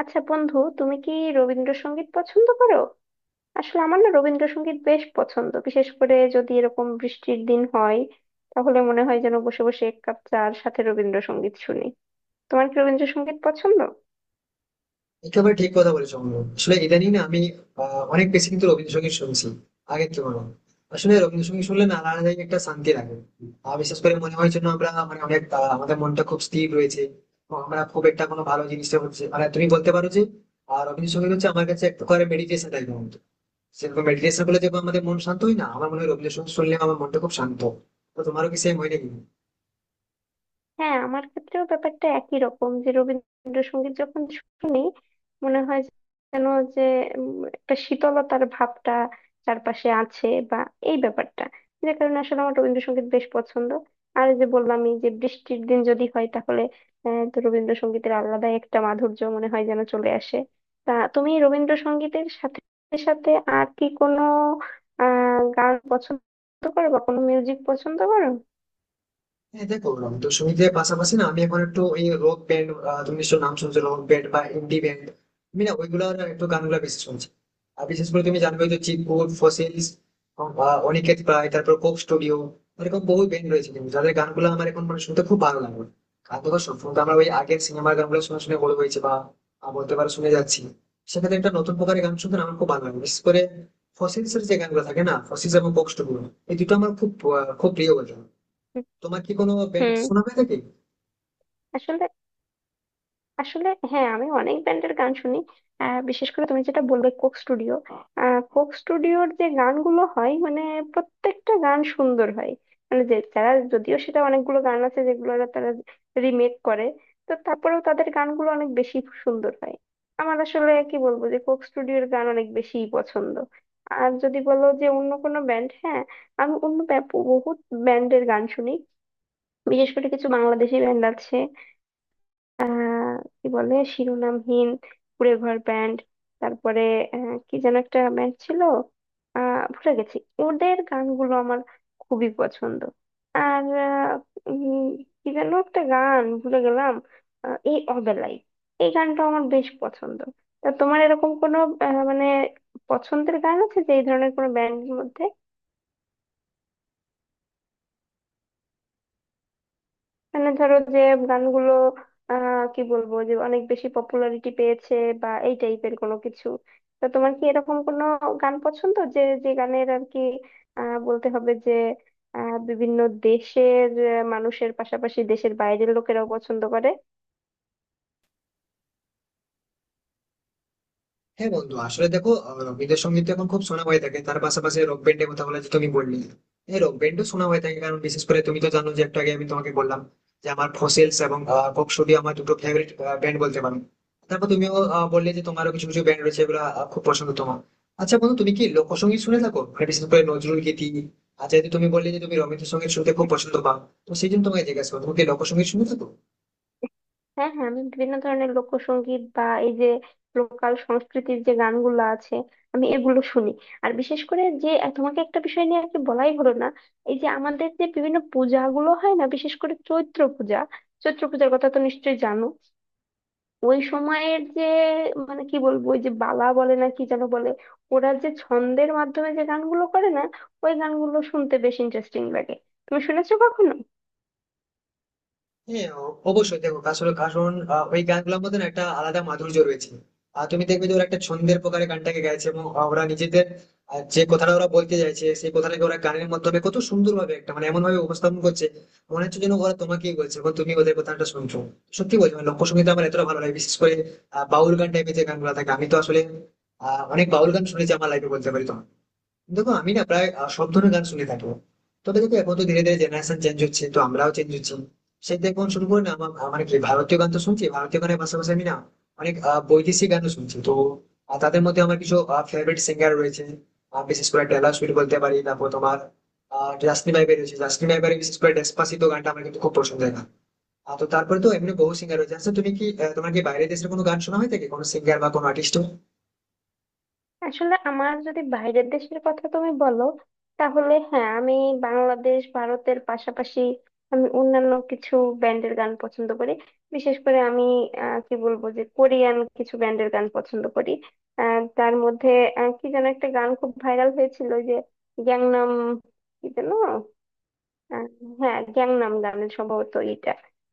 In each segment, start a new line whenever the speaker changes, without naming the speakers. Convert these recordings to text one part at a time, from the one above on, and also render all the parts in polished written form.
আচ্ছা বন্ধু, তুমি কি রবীন্দ্রসঙ্গীত পছন্দ করো? আসলে আমার না রবীন্দ্রসঙ্গীত বেশ পছন্দ, বিশেষ করে যদি এরকম বৃষ্টির দিন হয়, তাহলে মনে হয় যেন বসে বসে এক কাপ চার সাথে রবীন্দ্রসঙ্গীত শুনি। তোমার কি রবীন্দ্রসঙ্গীত পছন্দ?
একেবারে ঠিক কথা বলেছো অমল। আসলে ইদানিং না আমি অনেক বেশি কিন্তু রবীন্দ্রসঙ্গীত শুনছি আগের তুলনায়। আসলে রবীন্দ্রসঙ্গীত শুনলে না আলাদা জায়গায় একটা শান্তি লাগে। আর বিশেষ করে মনে হয় যেন আমরা মানে অনেক আমাদের মনটা খুব স্থির রয়েছে এবং আমরা খুব একটা কোনো ভালো জিনিসটা হচ্ছে মানে তুমি বলতে পারো যে আর রবীন্দ্রসঙ্গীত হচ্ছে আমার কাছে এক প্রকারের মেডিটেশন টাইপের মতো। সেরকম মেডিটেশন করলে যেমন আমাদের মন শান্ত হয় না আমার মনে হয় রবীন্দ্রসঙ্গীত শুনলে আমার মনটা খুব শান্ত হয়। তো তোমারও কি সেম হয় নাকি?
হ্যাঁ, আমার ক্ষেত্রেও ব্যাপারটা একই রকম, যে রবীন্দ্রসঙ্গীত যখন শুনি মনে হয় যেন যে একটা শীতলতার ভাবটা চারপাশে আছে, বা এই ব্যাপারটা, যে কারণে আসলে আমার রবীন্দ্রসঙ্গীত বেশ পছন্দ। আর এই যে বললাম, এই যে বৃষ্টির দিন যদি হয় তাহলে তো রবীন্দ্রসঙ্গীতের আলাদাই একটা মাধুর্য মনে হয় যেন চলে আসে। তা তুমি রবীন্দ্রসঙ্গীতের সাথে সাথে আর কি কোনো গান পছন্দ করো, বা কোনো মিউজিক পছন্দ করো?
হ্যাঁ দেখো রং সঙ্গীতের পাশাপাশি না আমি এখন একটু ওই রক ব্যান্ড, তুমি নিশ্চয় নাম শুনছো রক ব্যান্ড বা ইন্ডি ব্যান্ড, আমি না ওইগুলোর একটু গানগুলো বেশি শুনছি। আর বিশেষ করে তুমি জানবে তো চিৎপুর ফসিলস, অনিকেত প্রায়, তারপর কোক স্টুডিও, এরকম বহু ব্যান্ড রয়েছে কিন্তু যাদের গানগুলো আমার এখন মানে শুনতে খুব ভালো লাগে। আর দেখো সবসময় তো আমরা ওই আগের সিনেমার গানগুলো শুনে শুনে বড় হয়েছে বা বলতে পারো শুনে যাচ্ছি। সেক্ষেত্রে একটা নতুন প্রকারের গান শুনতে না আমার খুব ভালো লাগে বিশেষ করে ফসিলস এর যে গানগুলো থাকে না, ফসিলস এবং কোক স্টুডিও, এই দুটো আমার খুব খুব প্রিয় গান। তোমার কি কোনো ব্যান্ড
হুম।
শোনা হয়ে থাকে?
আসলে, হ্যাঁ, আমি অনেক ব্যান্ডের গান শুনি। বিশেষ করে তুমি যেটা বলবে, কোক স্টুডিও। কোক স্টুডিওর যে গানগুলো হয় মানে প্রত্যেকটা গান সুন্দর হয়। মানে যে যদিও সেটা, অনেকগুলো গান আছে যেগুলো তারা রিমেক করে, তো তারপরেও তাদের গানগুলো অনেক বেশি সুন্দর হয়। আমার আসলে কি বলবো, যে কোক স্টুডিওর গান অনেক বেশি পছন্দ। আর যদি বলো যে অন্য কোনো ব্যান্ড, হ্যাঁ আমি বহুত ব্যান্ডের গান শুনি। বিশেষ করে কিছু বাংলাদেশি ব্যান্ড আছে, আহ কি বলে, শিরোনামহীন, কুঁড়ে ঘর ব্যান্ড, তারপরে কি যেন একটা ব্যান্ড ছিল, ভুলে গেছি। ওদের গানগুলো আমার খুবই পছন্দ। আর উম, কি যেন একটা গান ভুলে গেলাম, এই অবেলাই, এই গানটা আমার বেশ পছন্দ। তা তোমার এরকম কোনো মানে পছন্দের গান আছে, যে এই ধরনের কোনো ব্যান্ডের মধ্যে? মানে ধরো যে গানগুলো কি বলবো, যে অনেক বেশি পপুলারিটি পেয়েছে, বা এই টাইপের কোনো কিছু? তো তোমার কি এরকম কোনো গান পছন্দ, যে যে গানের আর কি বলতে হবে যে বিভিন্ন দেশের মানুষের পাশাপাশি দেশের বাইরের লোকেরাও পছন্দ করে?
হ্যাঁ বন্ধু, আসলে দেখো রবীন্দ্রসঙ্গীত তো এখন খুব শোনা হয়ে থাকে, তার পাশাপাশি রক ব্যান্ডের কথা বলে যে তুমি বললে, হ্যাঁ রক ব্যান্ডও শোনা হয়ে থাকে কারণ বিশেষ করে তুমি তো জানো যে একটু আগে আমি তোমাকে বললাম যে আমার ফসেলস এবং কক স্টুডিও আমার দুটো ফেভারিট ব্যান্ড বলতে পারো। তারপর তুমিও বললে যে তোমারও কিছু কিছু ব্যান্ড রয়েছে এগুলো খুব পছন্দ তোমার। আচ্ছা বন্ধু, তুমি কি লোকসঙ্গীত শুনে থাকো মানে বিশেষ করে নজরুল গীতি? আর যেহেতু তুমি বললে যে তুমি রবীন্দ্রসঙ্গীত শুনতে খুব পছন্দ পাও, তো সেই জন্য তোমাকে জিজ্ঞাসা করো তুমি কি লোকসঙ্গীত শুনে থাকো?
হ্যাঁ হ্যাঁ, আমি বিভিন্ন ধরনের লোকসঙ্গীত, বা এই যে লোকাল সংস্কৃতির যে গানগুলো আছে আমি এগুলো শুনি। আর বিশেষ করে যে তোমাকে একটা বিষয় নিয়ে আর কি বলাই হলো না, এই যে আমাদের যে বিভিন্ন পূজাগুলো হয় না, বিশেষ করে চৈত্র পূজা। চৈত্র পূজার কথা তো নিশ্চয়ই জানো। ওই সময়ের যে মানে কি বলবো, ওই যে বালা বলে না, কি যেন বলে, ওরা যে ছন্দের মাধ্যমে যে গানগুলো করে না, ওই গানগুলো শুনতে বেশ ইন্টারেস্টিং লাগে। তুমি শুনেছো কখনো?
হ্যাঁ, অবশ্যই। দেখো আসলে কারণ ওই গানগুলোর মধ্যে না একটা আলাদা মাধুর্য রয়েছে। আর তুমি দেখবে যে ওরা একটা ছন্দের প্রকারে গানটাকে গাইছে এবং ওরা নিজেদের যে কথাটা ওরা বলতে চাইছে সেই কথাটাকে ওরা গানের মাধ্যমে কত সুন্দর ভাবে একটা মানে এমন ভাবে উপস্থাপন করছে, মনে হচ্ছে যেন ওরা তোমাকেই বলছে এবং তুমি ওদের কথাটা শুনছো। সত্যি বলছি মানে লোকসঙ্গীত আমার এতটা ভালো লাগে বিশেষ করে বাউল গান টাইপের যে গানগুলো থাকে, আমি তো আসলে অনেক বাউল গান শুনেছি আমার লাইফে বলতে পারি তোমাকে। দেখো আমি না প্রায় সব ধরনের গান শুনে থাকবো। তবে দেখো এখন তো ধীরে ধীরে জেনারেশন চেঞ্জ হচ্ছে তো আমরাও চেঞ্জ হচ্ছি। সেই থেকে এখন শুরু করে না আমার আমার কি ভারতীয় গান তো শুনছি, ভারতীয় গানের পাশাপাশি আমি না অনেক বৈদেশিক গানও শুনছি তো। তাদের মধ্যে আমার কিছু ফেভারিট সিঙ্গার রয়েছে। বিশেষ করে টেলর সুইফট বলতে পারি, তারপর তোমার জাস্টিন বাইবার রয়েছে, জাস্টিন বাইবারের বিশেষ করে ডেসপাসিতো গানটা আমার কিন্তু খুব পছন্দের গান। তো তারপরে তো এমনি বহু সিঙ্গার রয়েছে। আচ্ছা তুমি কি তোমার কি বাইরের দেশের কোনো গান শোনা হয় থাকে, কোনো সিঙ্গার বা কোনো আর্টিস্ট?
আসলে আমার যদি বাইরের দেশের কথা তুমি বলো, তাহলে হ্যাঁ, আমি বাংলাদেশ ভারতের পাশাপাশি আমি অন্যান্য কিছু ব্যান্ডের গান পছন্দ করি। বিশেষ করে আমি কি বলবো, যে কোরিয়ান কিছু ব্যান্ডের গান পছন্দ করি। তার মধ্যে কি যেন একটা গান খুব ভাইরাল হয়েছিল, ওই যে গ্যাংনাম কি যেন, আহ, হ্যাঁ গ্যাংনাম গানের সম্ভবত এটা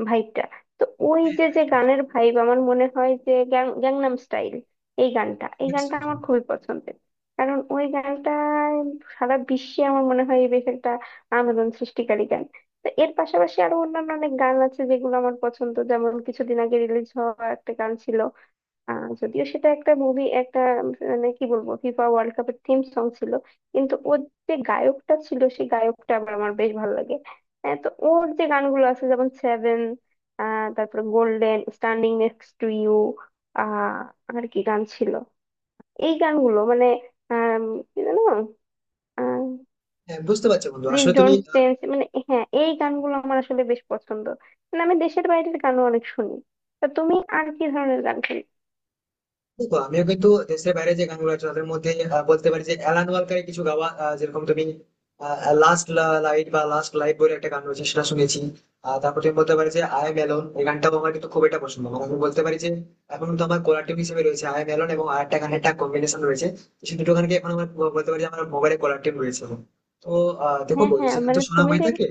ভাইবটা। তো ওই যে, যে গানের ভাইব আমার মনে হয়, যে গ্যাংনাম স্টাইল, এই গানটা আমার খুবই পছন্দের। কারণ ওই গানটা সারা বিশ্বে আমার মনে হয় বেশ একটা আন্দোলন সৃষ্টিকারী গান। তো এর পাশাপাশি আরো অন্যান্য অনেক গান আছে যেগুলো আমার পছন্দ, যেমন কিছুদিন আগে রিলিজ হওয়া একটা গান ছিল, যদিও সেটা একটা মুভি, মানে কি বলবো, ফিফা ওয়ার্ল্ড কাপের থিম সং ছিল। কিন্তু ওর যে গায়কটা ছিল, সেই গায়কটা আবার আমার বেশ ভালো লাগে। হ্যাঁ, তো ওর যে গানগুলো আছে, যেমন সেভেন, তারপর golden, standing next to you, আহ আর কি গান ছিল, এই গানগুলো মানে আম, কি জানো,
হ্যাঁ বুঝতে পারছো বন্ধু,
প্লিজ
আসলে তুমি
ডোন্ট চেঞ্জ, মানে হ্যাঁ এই গানগুলো আমার আসলে বেশ পছন্দ। মানে আমি দেশের বাইরের গানও অনেক শুনি। তা তুমি আর কি ধরনের গান শুনি?
দেখো আমিও কিন্তু দেশের বাইরে যে গানগুলো আছে তাদের মধ্যে বলতে পারি যে অ্যালান ওয়ালকারের কিছু গাওয়া যেরকম তুমি লাস্ট লাস্ট লাইট বলে একটা গান রয়েছে সেটা শুনেছি। তারপর তুমি বলতে পারি যে আই এম অ্যালোন, এই গানটাও আমার কিন্তু খুব একটা পছন্দ, মানে আমি বলতে পারি যে এখন তো আমার কোলার টিউন হিসেবে রয়েছে আই এম অ্যালোন এবং আর একটা গানের একটা কম্বিনেশন রয়েছে। তো সেই দুটো গানকে এখন আমার বলতে পারি যে আমার মোবাইলে কোলার টিউন রয়েছে। তো দেখো
হ্যাঁ
বলছি
হ্যাঁ,
গান তো
মানে
শোনা
তুমি
হয়ে
যে,
থাকে।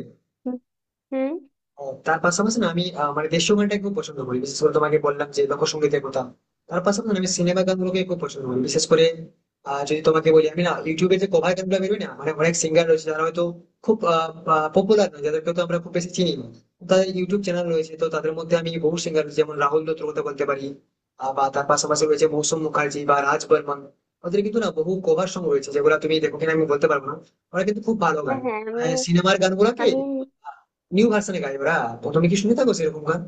হুম।
ও, তার পাশাপাশি না আমি মানে দেশীয় গানটাকে খুব পছন্দ করি বিশেষ করে তোমাকে বললাম যে লোকসঙ্গীতের কথা। তার পাশাপাশি না আমি সিনেমা গানগুলোকে খুব পছন্দ করি বিশেষ করে যদি তোমাকে বলি আমি না ইউটিউবে যে কভার গানগুলো বেরোয় না মানে অনেক সিঙ্গার রয়েছে যারা হয়তো খুব পপুলার নয় যাদেরকে তো আমরা খুব বেশি চিনি না, তাদের ইউটিউব চ্যানেল রয়েছে। তো তাদের মধ্যে আমি বহু সিঙ্গার যেমন রাহুল দত্তর কথা বলতে পারি বা তার পাশাপাশি রয়েছে মৌসুম মুখার্জি বা রাজ বর্মন। ওদের কিন্তু না বহু কভার সং রয়েছে যেগুলো তুমি দেখো কিনা আমি বলতে পারবো না। ওরা কিন্তু খুব ভালো গান
হ্যাঁ
মানে
হ্যাঁ,
সিনেমার গানগুলোকে
আমি আমি।
নিউ ভার্সনে গাই ওরা। প্রথমে কি শুনে থাকো সেরকম গান,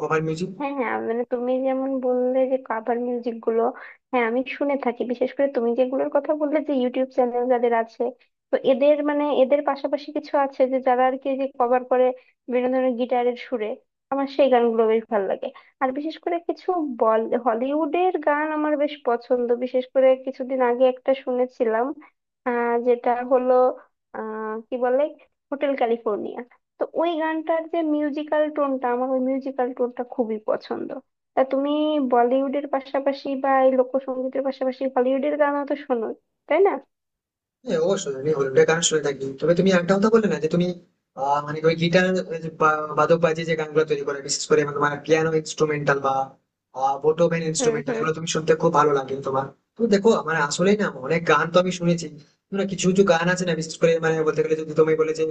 কভার মিউজিক?
হ্যাঁ হ্যাঁ, মানে তুমি যেমন বললে যে কাভার মিউজিক গুলো, হ্যাঁ আমি শুনে থাকি। বিশেষ করে তুমি যেগুলোর কথা বললে, যে ইউটিউব চ্যানেল যাদের আছে, তো এদের পাশাপাশি কিছু আছে, যে যারা আর কি যে কভার করে বিভিন্ন ধরনের গিটারের সুরে, আমার সেই গানগুলো বেশ ভালো লাগে। আর বিশেষ করে কিছু বল হলিউডের গান আমার বেশ পছন্দ, বিশেষ করে কিছুদিন আগে একটা শুনেছিলাম, যেটা হলো কি বলে, হোটেল ক্যালিফোর্নিয়া। তো ওই গানটার যে মিউজিক্যাল টোনটা, আমার ওই মিউজিক্যাল টোনটা খুবই পছন্দ। তা তুমি বলিউডের পাশাপাশি, বা এই লোকসঙ্গীতের পাশাপাশি হলিউডের গানও তো শোনো, তাই না?
হ্যাঁ অবশ্যই আমি হলিউডের গান শুনে থাকি। তবে তুমি একটা কথা বললে না যে তুমি মানে ওই গিটার বাদক বাজিয়ে যে গানগুলো তৈরি করে বিশেষ করে মানে তোমার পিয়ানো ইনস্ট্রুমেন্টাল বা বোটোভেন
হুম
ইনস্ট্রুমেন্টাল,
হুম।
এগুলো তুমি শুনতে খুব ভালো লাগে তোমার। তো দেখো মানে আসলেই না অনেক গান তো আমি শুনেছি, কিন্তু না কিছু কিছু গান আছে না বিশেষ করে মানে বলতে গেলে যদি তুমি বলে যে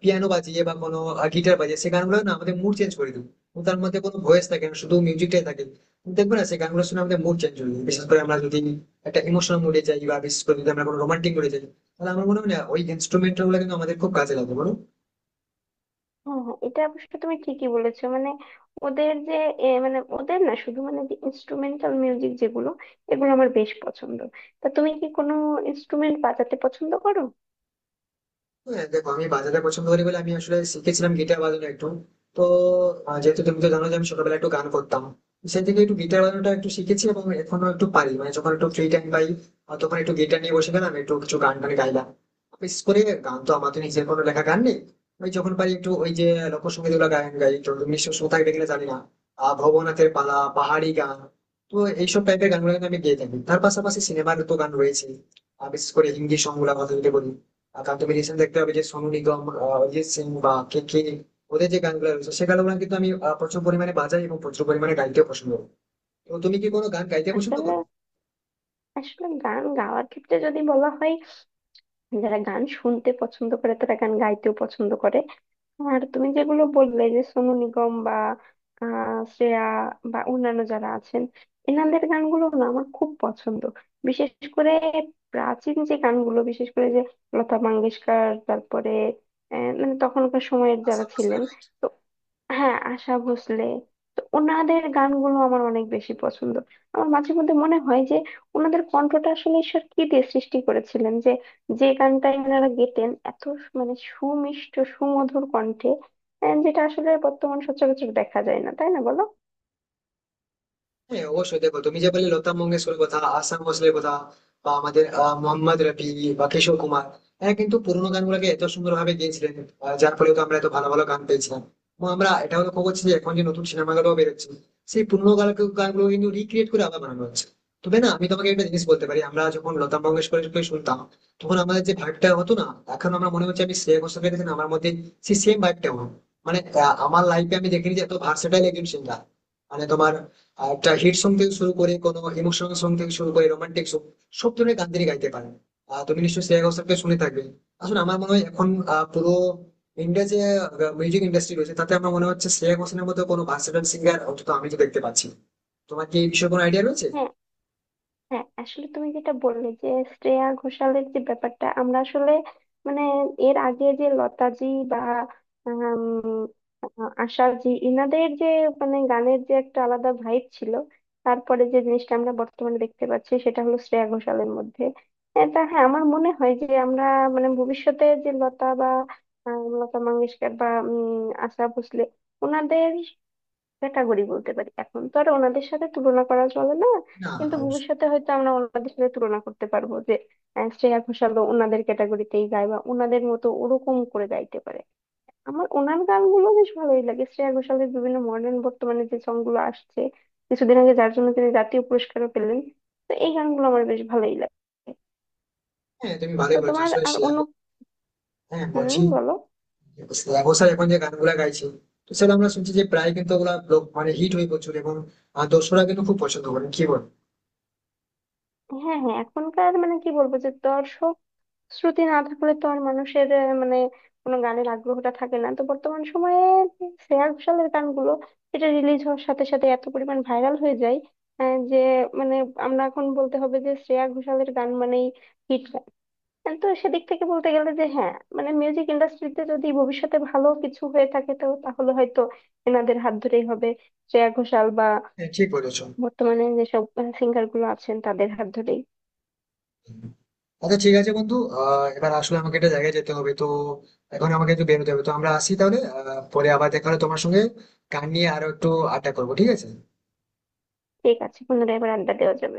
পিয়ানো বাজিয়ে বা কোনো গিটার বাজিয়ে, সেই গানগুলো না আমাদের মুড চেঞ্জ করে দিবে এবং তার মধ্যে কোনো ভয়েস থাকে না, শুধু মিউজিকটাই থাকে। তুমি দেখবে না সেই গানগুলো শুনে আমাদের মুড চেঞ্জ হয়ে যায় বিশেষ করে আমরা যদি একটা ইমোশনাল মুডে যাই বা বিশেষ করে যদি আমরা কোনো রোমান্টিক মুডে যাই, তাহলে আমার মনে হয় না ওই ইনস্ট্রুমেন্টাল গুলো কিন্তু আমাদের খুব কাজে লাগে, বলো।
হ্যাঁ হ্যাঁ, এটা অবশ্য তুমি ঠিকই বলেছো। মানে ওদের যে মানে ওদের না শুধু, মানে যে ইনস্ট্রুমেন্টাল মিউজিক যেগুলো, এগুলো আমার বেশ পছন্দ। তা তুমি কি কোনো ইনস্ট্রুমেন্ট বাজাতে পছন্দ করো?
হ্যাঁ দেখো আমি বাজাতে পছন্দ করি বলে আমি আসলে শিখেছিলাম গিটার বাজানো একটু। তো যেহেতু তুমি তো জানো যে আমি ছোটবেলায় একটু গান করতাম, সেই থেকে একটু গিটার বাজানোটা একটু শিখেছি এবং এখনো একটু পারি মানে যখন একটু ফ্রি টাইম পাই তখন একটু গিটার নিয়ে বসে গেলাম একটু কিছু গান টান গাইলাম। বিশেষ করে গান তো আমার তো নিজের কোনো লেখা গান নেই। ওই যখন পারি একটু ওই যে লোকসঙ্গীত গুলো গান গাই একটু, নিশ্চয় শ্রোতা দেখলে জানি না ভবনাথের পালা পাহাড়ি গান। তো এইসব টাইপের গানগুলো কিন্তু আমি গেয়ে থাকি, তার পাশাপাশি সিনেমার তো গান রয়েছে। আর বিশেষ করে হিন্দি সং গুলা কথা যদি বলি, আর তার তুমি রিসেন্ট দেখতে পাবে যে সোনু নিগম, অরিজিৎ সিং বা কে কে, ওদের যে গানগুলো রয়েছে সে গানগুলো কিন্তু আমি প্রচুর পরিমাণে বাজাই এবং প্রচুর পরিমাণে গাইতে পছন্দ করি। তো তুমি কি কোনো গান গাইতে পছন্দ
আসলে,
করো?
গান গাওয়ার ক্ষেত্রে যদি বলা হয়, যারা গান শুনতে পছন্দ করে তারা গান গাইতেও পছন্দ করে। আর তুমি যেগুলো বললে, যে সোনু নিগম বা শ্রেয়া, বা অন্যান্য যারা আছেন, এনাদের গানগুলো না আমার খুব পছন্দ। বিশেষ করে প্রাচীন যে গানগুলো, বিশেষ করে যে লতা মঙ্গেশকর, তারপরে মানে তখনকার সময়ের যারা
আচ্ছা
ছিলেন,
বুঝলাম।
হ্যাঁ আশা ভোসলে, তো ওনাদের গানগুলো আমার অনেক বেশি পছন্দ। আমার মাঝে মধ্যে মনে হয় যে ওনাদের কণ্ঠটা আসলে ঈশ্বর কি দিয়ে সৃষ্টি করেছিলেন, যে যে গানটাই ওনারা গেতেন এত মানে সুমিষ্ট সুমধুর কণ্ঠে, যেটা আসলে বর্তমান সচরাচর দেখা যায় না, তাই না বলো?
হ্যাঁ অবশ্যই দেখো তুমি যে বললে লতা মঙ্গেশকরের কথা, আশা ভোসলের কথা বা আমাদের মোহাম্মদ রফি বা কিশোর কুমার, হ্যাঁ কিন্তু পুরোনো গানগুলোকে এত সুন্দর ভাবে গেয়েছিলেন যার ফলে তো আমরা এত ভালো ভালো গান পেয়েছিলাম। এবং আমরা এটাও লক্ষ্য করছি যে এখন যে নতুন সিনেমাগুলো বেরোচ্ছে, সেই পুরোনো গানকে গানগুলো কিন্তু রিক্রিয়েট করে আবার বানানো হচ্ছে। তবে না আমি তোমাকে একটা জিনিস বলতে পারি, আমরা যখন লতা মঙ্গেশকরকে শুনতাম তখন আমাদের যে ভাইবটা হতো না, এখন আমরা মনে হচ্ছে আমি শ্রেয়া ঘোষালকে দেখে না, আমার মধ্যে সেই সেম ভাইবটা হলো। মানে আমার লাইফে আমি দেখিনি যে এত ভার্সেটাইল একজন সিঙ্গার মানে তোমার। আর একটা হিট সং থেকে শুরু করে কোনো ইমোশনাল সং থেকে শুরু করে রোমান্টিক সং, সব ধরনের গান তিনি গাইতে পারেন। তুমি নিশ্চয়ই শ্রেয়া ঘোষালকে শুনে থাকবে। আসলে আমার মনে হয় এখন পুরো ইন্ডিয়া যে মিউজিক ইন্ডাস্ট্রি রয়েছে তাতে আমার মনে হচ্ছে শ্রেয়া ঘোষালের মতো কোনো ভার্সেটাইল সিঙ্গার অন্তত আমি তো দেখতে পাচ্ছি না। তোমার কি এই বিষয়ে কোনো আইডিয়া রয়েছে?
হ্যাঁ হ্যাঁ, আসলে তুমি যেটা বললে, যে শ্রেয়া ঘোষালের যে ব্যাপারটা, আমরা আসলে মানে এর আগে যে লতাজি বা উম, আশাজি, ইনাদের যে মানে গানের যে একটা আলাদা ভাইব ছিল, তারপরে যে জিনিসটা আমরা বর্তমানে দেখতে পাচ্ছি সেটা হলো শ্রেয়া ঘোষালের মধ্যে। এটা হ্যাঁ, আমার মনে হয় যে আমরা মানে ভবিষ্যতে, যে লতা বা লতা মঙ্গেশকর বা আশা ভোসলে, ওনাদের ক্যাটাগরি বলতে পারি, এখন তো আর ওনাদের সাথে তুলনা করা চলে না,
না,
কিন্তু
অবশ্যই।
ভবিষ্যতে হয়তো আমরা ওনাদের সাথে তুলনা করতে পারবো, যে শ্রেয়া ঘোষালও ওনাদের ক্যাটাগরিতেই গায়, বা ওনাদের মতো ওরকম করে গাইতে পারে। আমার ওনার গানগুলো বেশ ভালোই লাগে, শ্রেয়া ঘোষালের বিভিন্ন মডার্ন বর্তমানে যে সংগুলো আসছে, কিছুদিন আগে যার জন্য তিনি জাতীয় পুরস্কারও পেলেন, তো এই গানগুলো আমার বেশ ভালোই লাগে।
হ্যাঁ তুমি
তো
ভালোই বলেছো,
তোমার
আসলে
আর অন্য,
হ্যাঁ
হুম
বলছি।
বলো।
শ্রেয়া ঘোষাল এখন যে গানগুলা গাইছে, তো সেটা আমরা শুনছি যে প্রায় কিন্তু ওগুলা মানে হিট হয়ে প্রচুর এবং দর্শকরা কিন্তু খুব পছন্দ করে, কি বল?
হ্যাঁ হ্যাঁ, এখনকার মানে কি বলবো, যে দর্শক শ্রুতি না থাকলে তো আর মানুষের মানে কোনো গানের আগ্রহটা থাকে না। তো বর্তমান সময়ে শ্রেয়া ঘোষালের গানগুলো এটা রিলিজ হওয়ার সাথে সাথে এত পরিমাণ ভাইরাল হয়ে যায়, যে মানে আমরা এখন বলতে হবে যে শ্রেয়া ঘোষালের গান মানেই হিট গান। তো সেদিক থেকে বলতে গেলে যে, হ্যাঁ মানে মিউজিক ইন্ডাস্ট্রিতে যদি ভবিষ্যতে ভালো কিছু হয়ে থাকে, তো তাহলে হয়তো এনাদের হাত ধরেই হবে, শ্রেয়া ঘোষাল বা
হ্যাঁ ঠিক বলেছো।
বর্তমানে যেসব সিঙ্গার গুলো আছেন তাদের হাত ধরেই।
আচ্ছা ঠিক আছে বন্ধু, এবার আসলে আমাকে একটা জায়গায় যেতে হবে তো। এখন আমাকে একটু বেরোতে হবে, তো আমরা আসি তাহলে, পরে আবার দেখা হলে তোমার সঙ্গে গান নিয়ে আরো একটু আড্ডা করবো, ঠিক আছে?
ঠিক আছে, পুনরায় এবার আড্ডা দেওয়া যাবে।